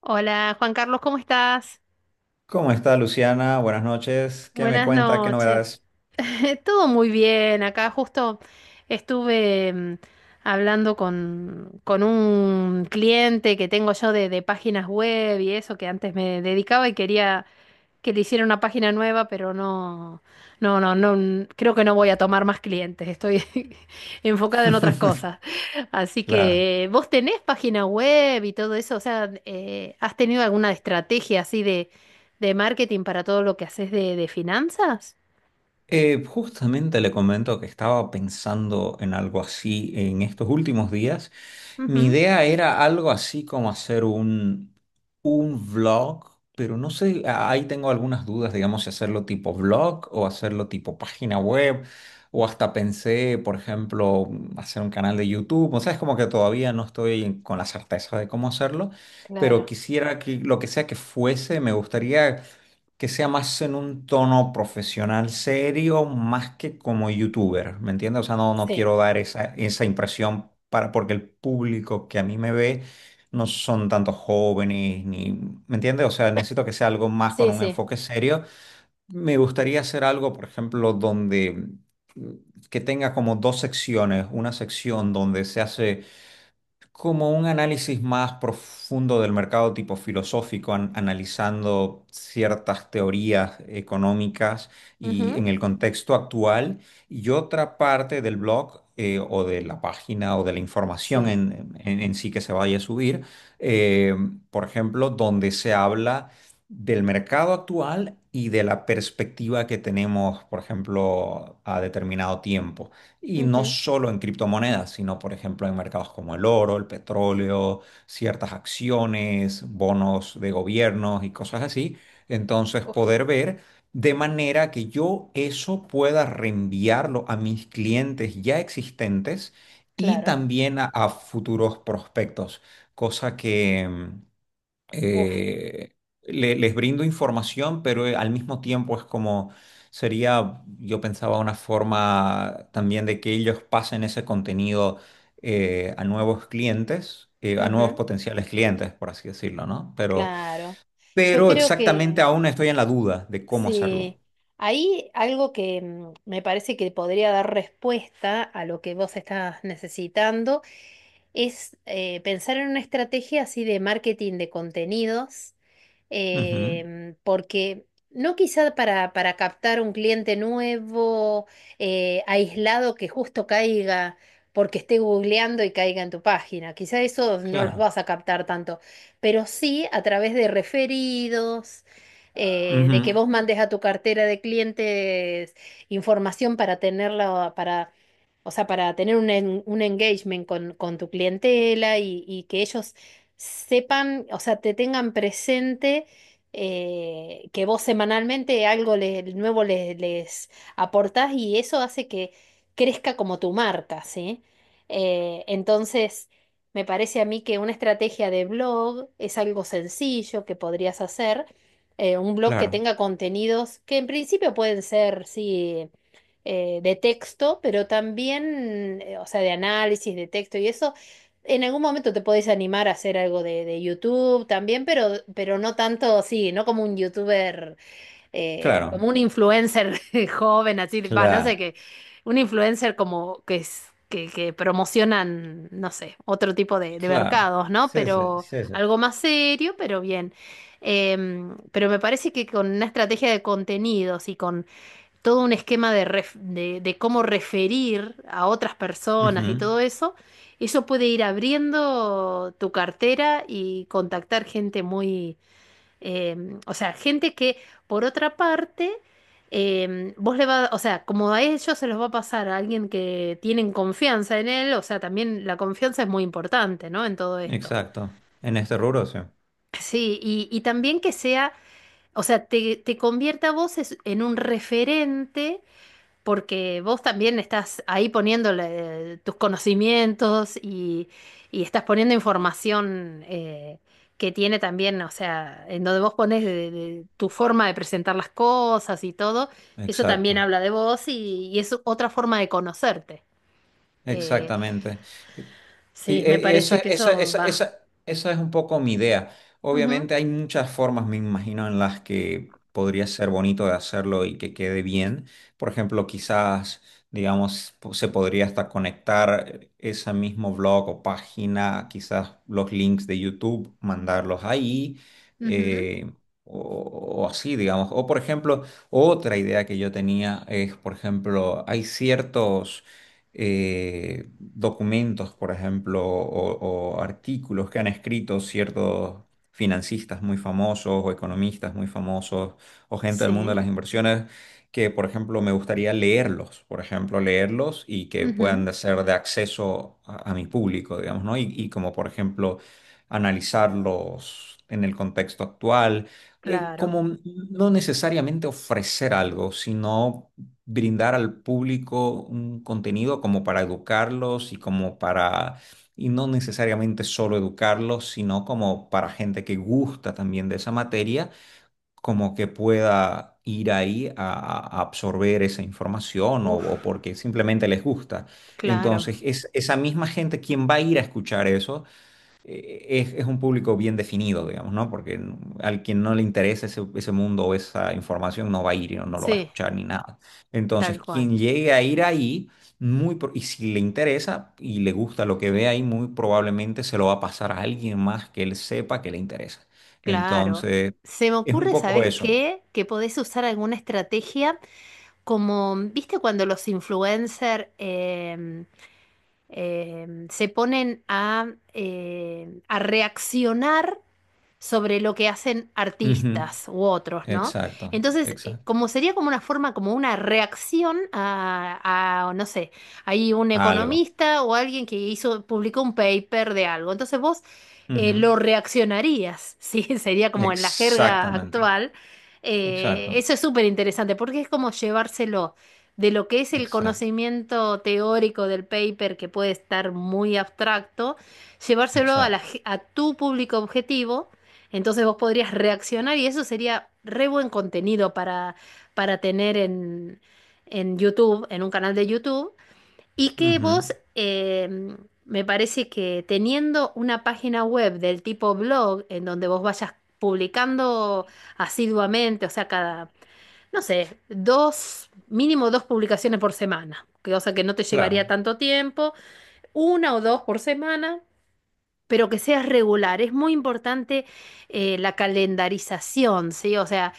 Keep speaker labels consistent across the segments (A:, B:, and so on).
A: Hola, Juan Carlos, ¿cómo estás?
B: ¿Cómo está Luciana? Buenas noches. ¿Qué me
A: Buenas
B: cuenta? ¿Qué
A: noches.
B: novedades?
A: Todo muy bien. Acá justo estuve hablando con un cliente que tengo yo de páginas web y eso que antes me dedicaba y quería que le hicieron una página nueva, pero creo que no voy a tomar más clientes, estoy enfocada en otras cosas. Así
B: Claro.
A: que vos tenés página web y todo eso, o sea, ¿has tenido alguna estrategia así de marketing para todo lo que haces de finanzas?
B: Justamente le comento que estaba pensando en algo así en estos últimos días. Mi
A: Ujú.
B: idea era algo así como hacer un vlog, pero no sé, ahí tengo algunas dudas, digamos, si hacerlo tipo vlog o hacerlo tipo página web, o hasta pensé, por ejemplo, hacer un canal de YouTube. O sea, es como que todavía no estoy con la certeza de cómo hacerlo, pero
A: Claro,
B: quisiera que lo que sea que fuese, me gustaría que sea más en un tono profesional serio, más que como youtuber, ¿me entiendes? O sea, no, no
A: sí,
B: quiero dar esa impresión para, porque el público que a mí me ve no son tantos jóvenes, ni, ¿me entiendes? O sea, necesito que sea algo más con
A: sí,
B: un
A: sí.
B: enfoque serio. Me gustaría hacer algo, por ejemplo, donde mm, que tenga como dos secciones, una sección donde se hace como un análisis más profundo del mercado tipo filosófico, analizando ciertas teorías económicas y
A: Ujú.
B: en el contexto actual. Y otra parte del blog o de la página o de la información
A: Sí.
B: en sí que se vaya a subir, eh, por ejemplo, donde se habla del mercado actual y de la perspectiva que tenemos, por ejemplo, a determinado tiempo. Y no
A: Ujú.
B: solo en criptomonedas, sino por ejemplo en mercados como el oro, el petróleo, ciertas acciones, bonos de gobiernos y cosas así. Entonces
A: Uf,
B: poder ver de manera que yo eso pueda reenviarlo a mis clientes ya existentes y
A: claro.
B: también a futuros prospectos, cosa que,
A: Uf.
B: eh, les brindo información, pero al mismo tiempo es como sería, yo pensaba, una forma también de que ellos pasen ese contenido a nuevos clientes, a nuevos
A: Ujú.
B: potenciales clientes, por así decirlo, ¿no?
A: Claro. Yo
B: Pero
A: creo
B: exactamente
A: que
B: aún estoy en la duda de cómo hacerlo.
A: sí, ahí algo que me parece que podría dar respuesta a lo que vos estás necesitando es pensar en una estrategia así de marketing de contenidos,
B: Ujú,
A: porque no quizá para captar un cliente nuevo, aislado, que justo caiga porque esté googleando y caiga en tu página. Quizá eso no los
B: claro,
A: vas a captar tanto, pero sí a través de referidos, de que
B: ujú,
A: vos mandes a tu cartera de clientes información para tenerla, para, o sea, para tener un, un engagement con tu clientela y que ellos sepan, o sea, te tengan presente, que vos semanalmente nuevo les aportás y eso hace que crezca como tu marca, ¿sí? Entonces, me parece a mí que una estrategia de blog es algo sencillo que podrías hacer, un blog que
B: claro,
A: tenga contenidos que en principio pueden ser, sí, de texto, pero también, o sea, de análisis de texto y eso. En algún momento te podés animar a hacer algo de YouTube también, pero no tanto, sí, no como un YouTuber, como
B: claro,
A: un influencer joven, así, va, no sé
B: claro,
A: qué, un influencer como que es, que promocionan, no sé, otro tipo de
B: claro.
A: mercados, ¿no?
B: Sí, sí,
A: Pero
B: sí, sí.
A: algo más serio, pero bien. Pero me parece que con una estrategia de contenidos y con todo un esquema de, de cómo referir a otras personas y
B: Ujú,
A: todo eso, eso puede ir abriendo tu cartera y contactar gente muy, o sea, gente que, por otra parte, vos le va, o sea, como a ellos se los va a pasar a alguien que tienen confianza en él, o sea, también la confianza es muy importante, ¿no? En todo esto.
B: exacto. En este rubro, sí.
A: Sí, y también que sea, o sea, te convierta a vos en un referente porque vos también estás ahí poniéndole tus conocimientos y estás poniendo información, que tiene también, o sea, en donde vos pones de tu forma de presentar las cosas y todo, eso también
B: Exacto.
A: habla de vos y es otra forma de conocerte. Eh,
B: Exactamente. Y
A: sí, me
B: esa,
A: parece que
B: esa,
A: eso
B: esa,
A: va.
B: esa, esa es un poco mi idea.
A: Ujú,
B: Obviamente hay muchas formas, me imagino, en las que podría ser bonito de hacerlo y que quede bien. Por ejemplo, quizás, digamos, se podría hasta conectar ese mismo blog o página, quizás los links de YouTube, mandarlos ahí.
A: ujú,
B: eh, O, o así, digamos. O por ejemplo, otra idea que yo tenía es, por ejemplo, hay ciertos documentos, por ejemplo, o artículos que han escrito ciertos financistas muy famosos o economistas muy famosos o gente del mundo de
A: sí,
B: las inversiones que, por ejemplo, me gustaría leerlos, por ejemplo, leerlos y que puedan
A: ujú,
B: de ser de acceso a mi público, digamos, ¿no? Y como, por ejemplo, analizarlos en el contexto actual,
A: claro,
B: como no necesariamente ofrecer algo, sino brindar al público un contenido como para educarlos y como para, y no necesariamente solo educarlos, sino como para gente que gusta también de esa materia, como que pueda ir ahí absorber esa información
A: uf,
B: o porque simplemente les gusta.
A: claro,
B: Entonces, es esa misma gente quien va a ir a escuchar eso es un público bien definido, digamos, ¿no? Porque al quien no le interesa ese mundo o esa información no va a ir y no, no lo va a
A: sí,
B: escuchar ni nada. Entonces,
A: tal cual.
B: quien llegue a ir ahí, y si le interesa y le gusta lo que ve ahí, muy probablemente se lo va a pasar a alguien más que él sepa que le interesa.
A: Claro.
B: Entonces,
A: Se me
B: es un
A: ocurre,
B: poco
A: ¿sabes
B: eso.
A: qué? Que podés usar alguna estrategia como, ¿viste cuando los influencers se ponen a reaccionar sobre lo que hacen
B: Ujú.
A: artistas u otros, ¿no?
B: Exacto,
A: Entonces,
B: exacto.
A: como sería como una forma, como una reacción a, no sé, hay un
B: Algo.
A: economista o alguien que hizo, publicó un paper de algo. Entonces vos,
B: Ujú.
A: lo reaccionarías, ¿sí? Sería como en la jerga
B: Exactamente.
A: actual.
B: Exacto,
A: Eso es súper interesante porque es como llevárselo de lo que es el
B: exacto,
A: conocimiento teórico del paper que puede estar muy abstracto, llevárselo a,
B: exacto.
A: a tu público objetivo, entonces vos podrías reaccionar y eso sería re buen contenido para tener en YouTube, en un canal de YouTube. Y que
B: Ujú.
A: vos, me parece que teniendo una página web del tipo blog, en donde vos vayas publicando asiduamente, o sea, cada, no sé, dos, mínimo dos publicaciones por semana, que, o sea, que no te
B: Claro.
A: llevaría tanto tiempo, una o dos por semana, pero que seas regular. Es muy importante la calendarización, ¿sí? O sea,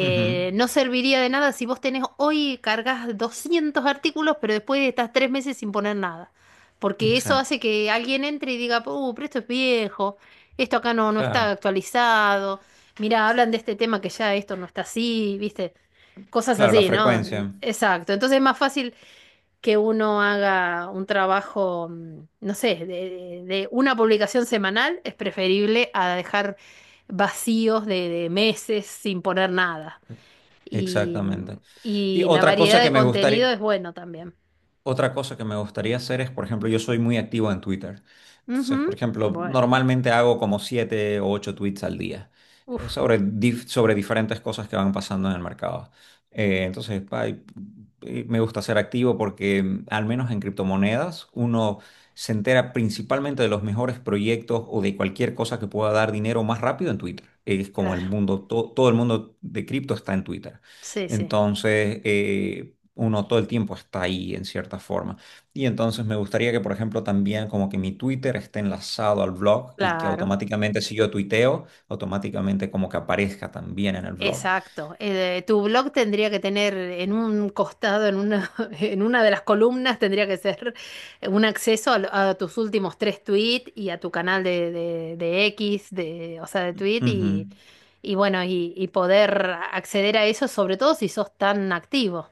B: Ujú,
A: no serviría de nada si vos tenés hoy cargas 200 artículos, pero después estás tres meses sin poner nada. Porque eso
B: exacto,
A: hace que alguien entre y diga, pero esto es viejo, esto acá no, no está
B: claro,
A: actualizado, mirá, hablan de este tema que ya esto no está así, ¿viste? Cosas
B: claro, la
A: así, ¿no?
B: frecuencia,
A: Exacto. Entonces es más fácil que uno haga un trabajo, no sé, de, de una publicación semanal es preferible a dejar vacíos de meses sin poner nada. Y,
B: exactamente. Y
A: y la
B: otra cosa
A: variedad
B: que
A: de
B: me
A: contenido
B: gustaría,
A: es bueno también.
B: otra cosa que me gustaría hacer es, por ejemplo, yo soy muy activo en Twitter. Entonces,
A: Ujú,
B: por ejemplo,
A: bueno,
B: normalmente hago como 7 o 8 tweets al día
A: uff,
B: sobre, sobre diferentes cosas que van pasando en el mercado. Entonces, y me gusta ser activo porque, al menos en criptomonedas, uno se entera principalmente de los mejores proyectos o de cualquier cosa que pueda dar dinero más rápido en Twitter. Es como el
A: claro,
B: mundo, todo el mundo de cripto está en Twitter.
A: sí, sí,
B: Entonces, uno todo el tiempo está ahí en cierta forma. Y entonces me gustaría que, por ejemplo, también como que mi Twitter esté enlazado al blog y que
A: claro.
B: automáticamente si yo tuiteo, automáticamente como que aparezca también en el blog.
A: Exacto. Tu blog tendría que tener en un costado, en una, en una de las columnas, tendría que ser un acceso a, a tus últimos tres tweets y a tu canal de X, de, o sea, de tweet
B: Ujú,
A: y bueno, y poder acceder a eso, sobre todo si sos tan activo,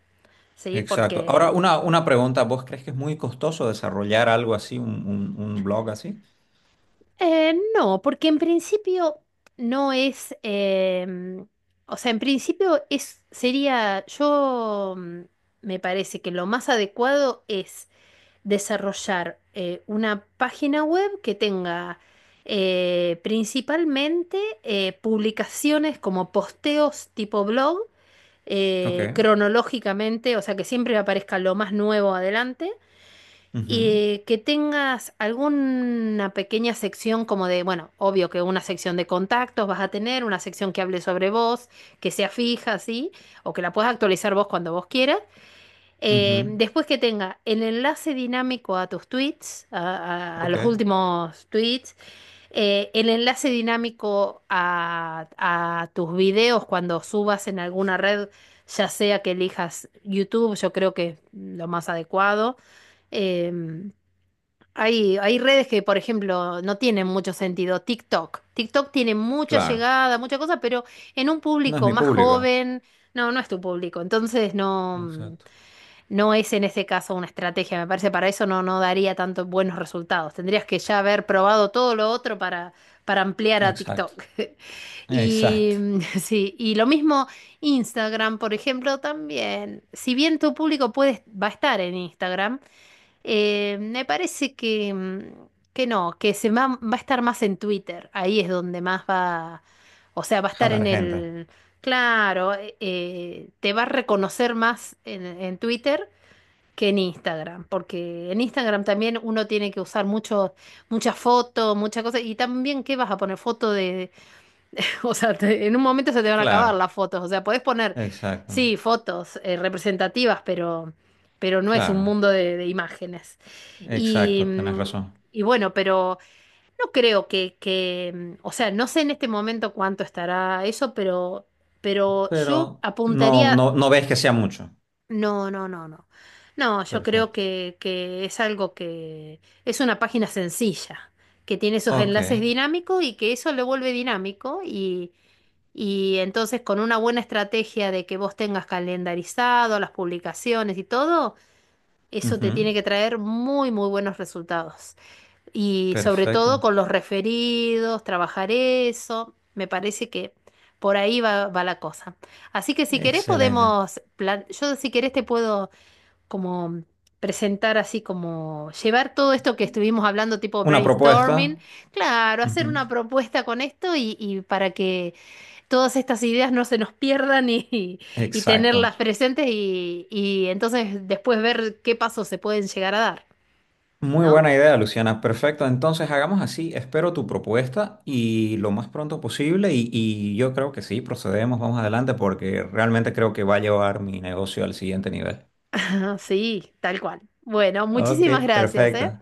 A: ¿sí?
B: exacto. Ahora,
A: Porque
B: una pregunta, ¿vos crees que es muy costoso desarrollar algo así, un blog así?
A: No, porque en principio no es, o sea, en principio es, sería, yo, me parece que lo más adecuado es desarrollar una página web que tenga principalmente publicaciones como posteos tipo blog,
B: Ok.
A: cronológicamente, o sea, que siempre aparezca lo más nuevo adelante,
B: Ujú,
A: que tengas alguna pequeña sección como de, bueno, obvio que una sección de contactos vas a tener, una sección que hable sobre vos, que sea fija, ¿sí? O que la puedas actualizar vos cuando vos quieras.
B: ujú,
A: Después que tenga el enlace dinámico a tus tweets, a, a
B: ok,
A: los últimos tweets, el enlace dinámico a tus videos cuando subas en alguna red, ya sea que elijas YouTube, yo creo que es lo más adecuado. Em, Hay, hay redes que, por ejemplo, no tienen mucho sentido. TikTok. TikTok tiene mucha
B: claro.
A: llegada, mucha cosa, pero en un
B: No es
A: público
B: mi
A: más
B: público.
A: joven, no, no es tu público. Entonces no,
B: Exacto.
A: no es en ese caso una estrategia. Me parece para eso no, no daría tantos buenos resultados. Tendrías que ya haber probado todo lo otro para ampliar a
B: Exacto.
A: TikTok. Y
B: Exacto.
A: sí, y lo mismo Instagram, por ejemplo, también. Si bien tu público puede, va a estar en Instagram. Me parece que, que no, que se va, va a estar más en Twitter. Ahí es donde más va, o sea, va a estar
B: Jalar
A: en
B: gente.
A: el, claro, te va a reconocer más en Twitter que en Instagram, porque en Instagram también uno tiene que usar mucho, mucha foto, mucha cosa, y también, ¿qué vas a poner? Foto de, o sea, en un momento se te van a acabar
B: Claro.
A: las fotos. O sea, podés poner,
B: Exacto.
A: sí, fotos representativas, pero no es un
B: Claro.
A: mundo de imágenes. Y,
B: Exacto, tenés razón.
A: y bueno, pero no creo que, o sea, no sé en este momento cuánto estará eso, pero yo
B: Pero no,
A: apuntaría,
B: no, no ves que sea mucho.
A: no, no, no, no. No, yo creo
B: Perfecto.
A: que es algo que es una página sencilla, que tiene esos
B: Ok.
A: enlaces dinámicos y que eso lo vuelve dinámico y... Y entonces con una buena estrategia de que vos tengas calendarizado las publicaciones y todo, eso te
B: Ujú.
A: tiene que traer muy, muy buenos resultados. Y sobre todo
B: Perfecto.
A: con los referidos, trabajar eso, me parece que por ahí va, va la cosa. Así que si querés
B: Excelente.
A: podemos, yo si querés te puedo como presentar, así como llevar todo esto que estuvimos hablando tipo
B: Una
A: brainstorming,
B: propuesta.
A: claro, hacer
B: Ujú.
A: una propuesta con esto y para que todas estas ideas no se nos pierdan y
B: Exacto.
A: tenerlas presentes y entonces después ver qué pasos se pueden llegar a dar,
B: Muy
A: ¿no?
B: buena idea, Luciana. Perfecto. Entonces hagamos así. Espero tu propuesta y lo más pronto posible. Y yo creo que sí, procedemos, vamos adelante porque realmente creo que va a llevar mi negocio al siguiente nivel.
A: Sí, tal cual. Bueno,
B: Ok,
A: muchísimas gracias,
B: perfecto.
A: ¿eh?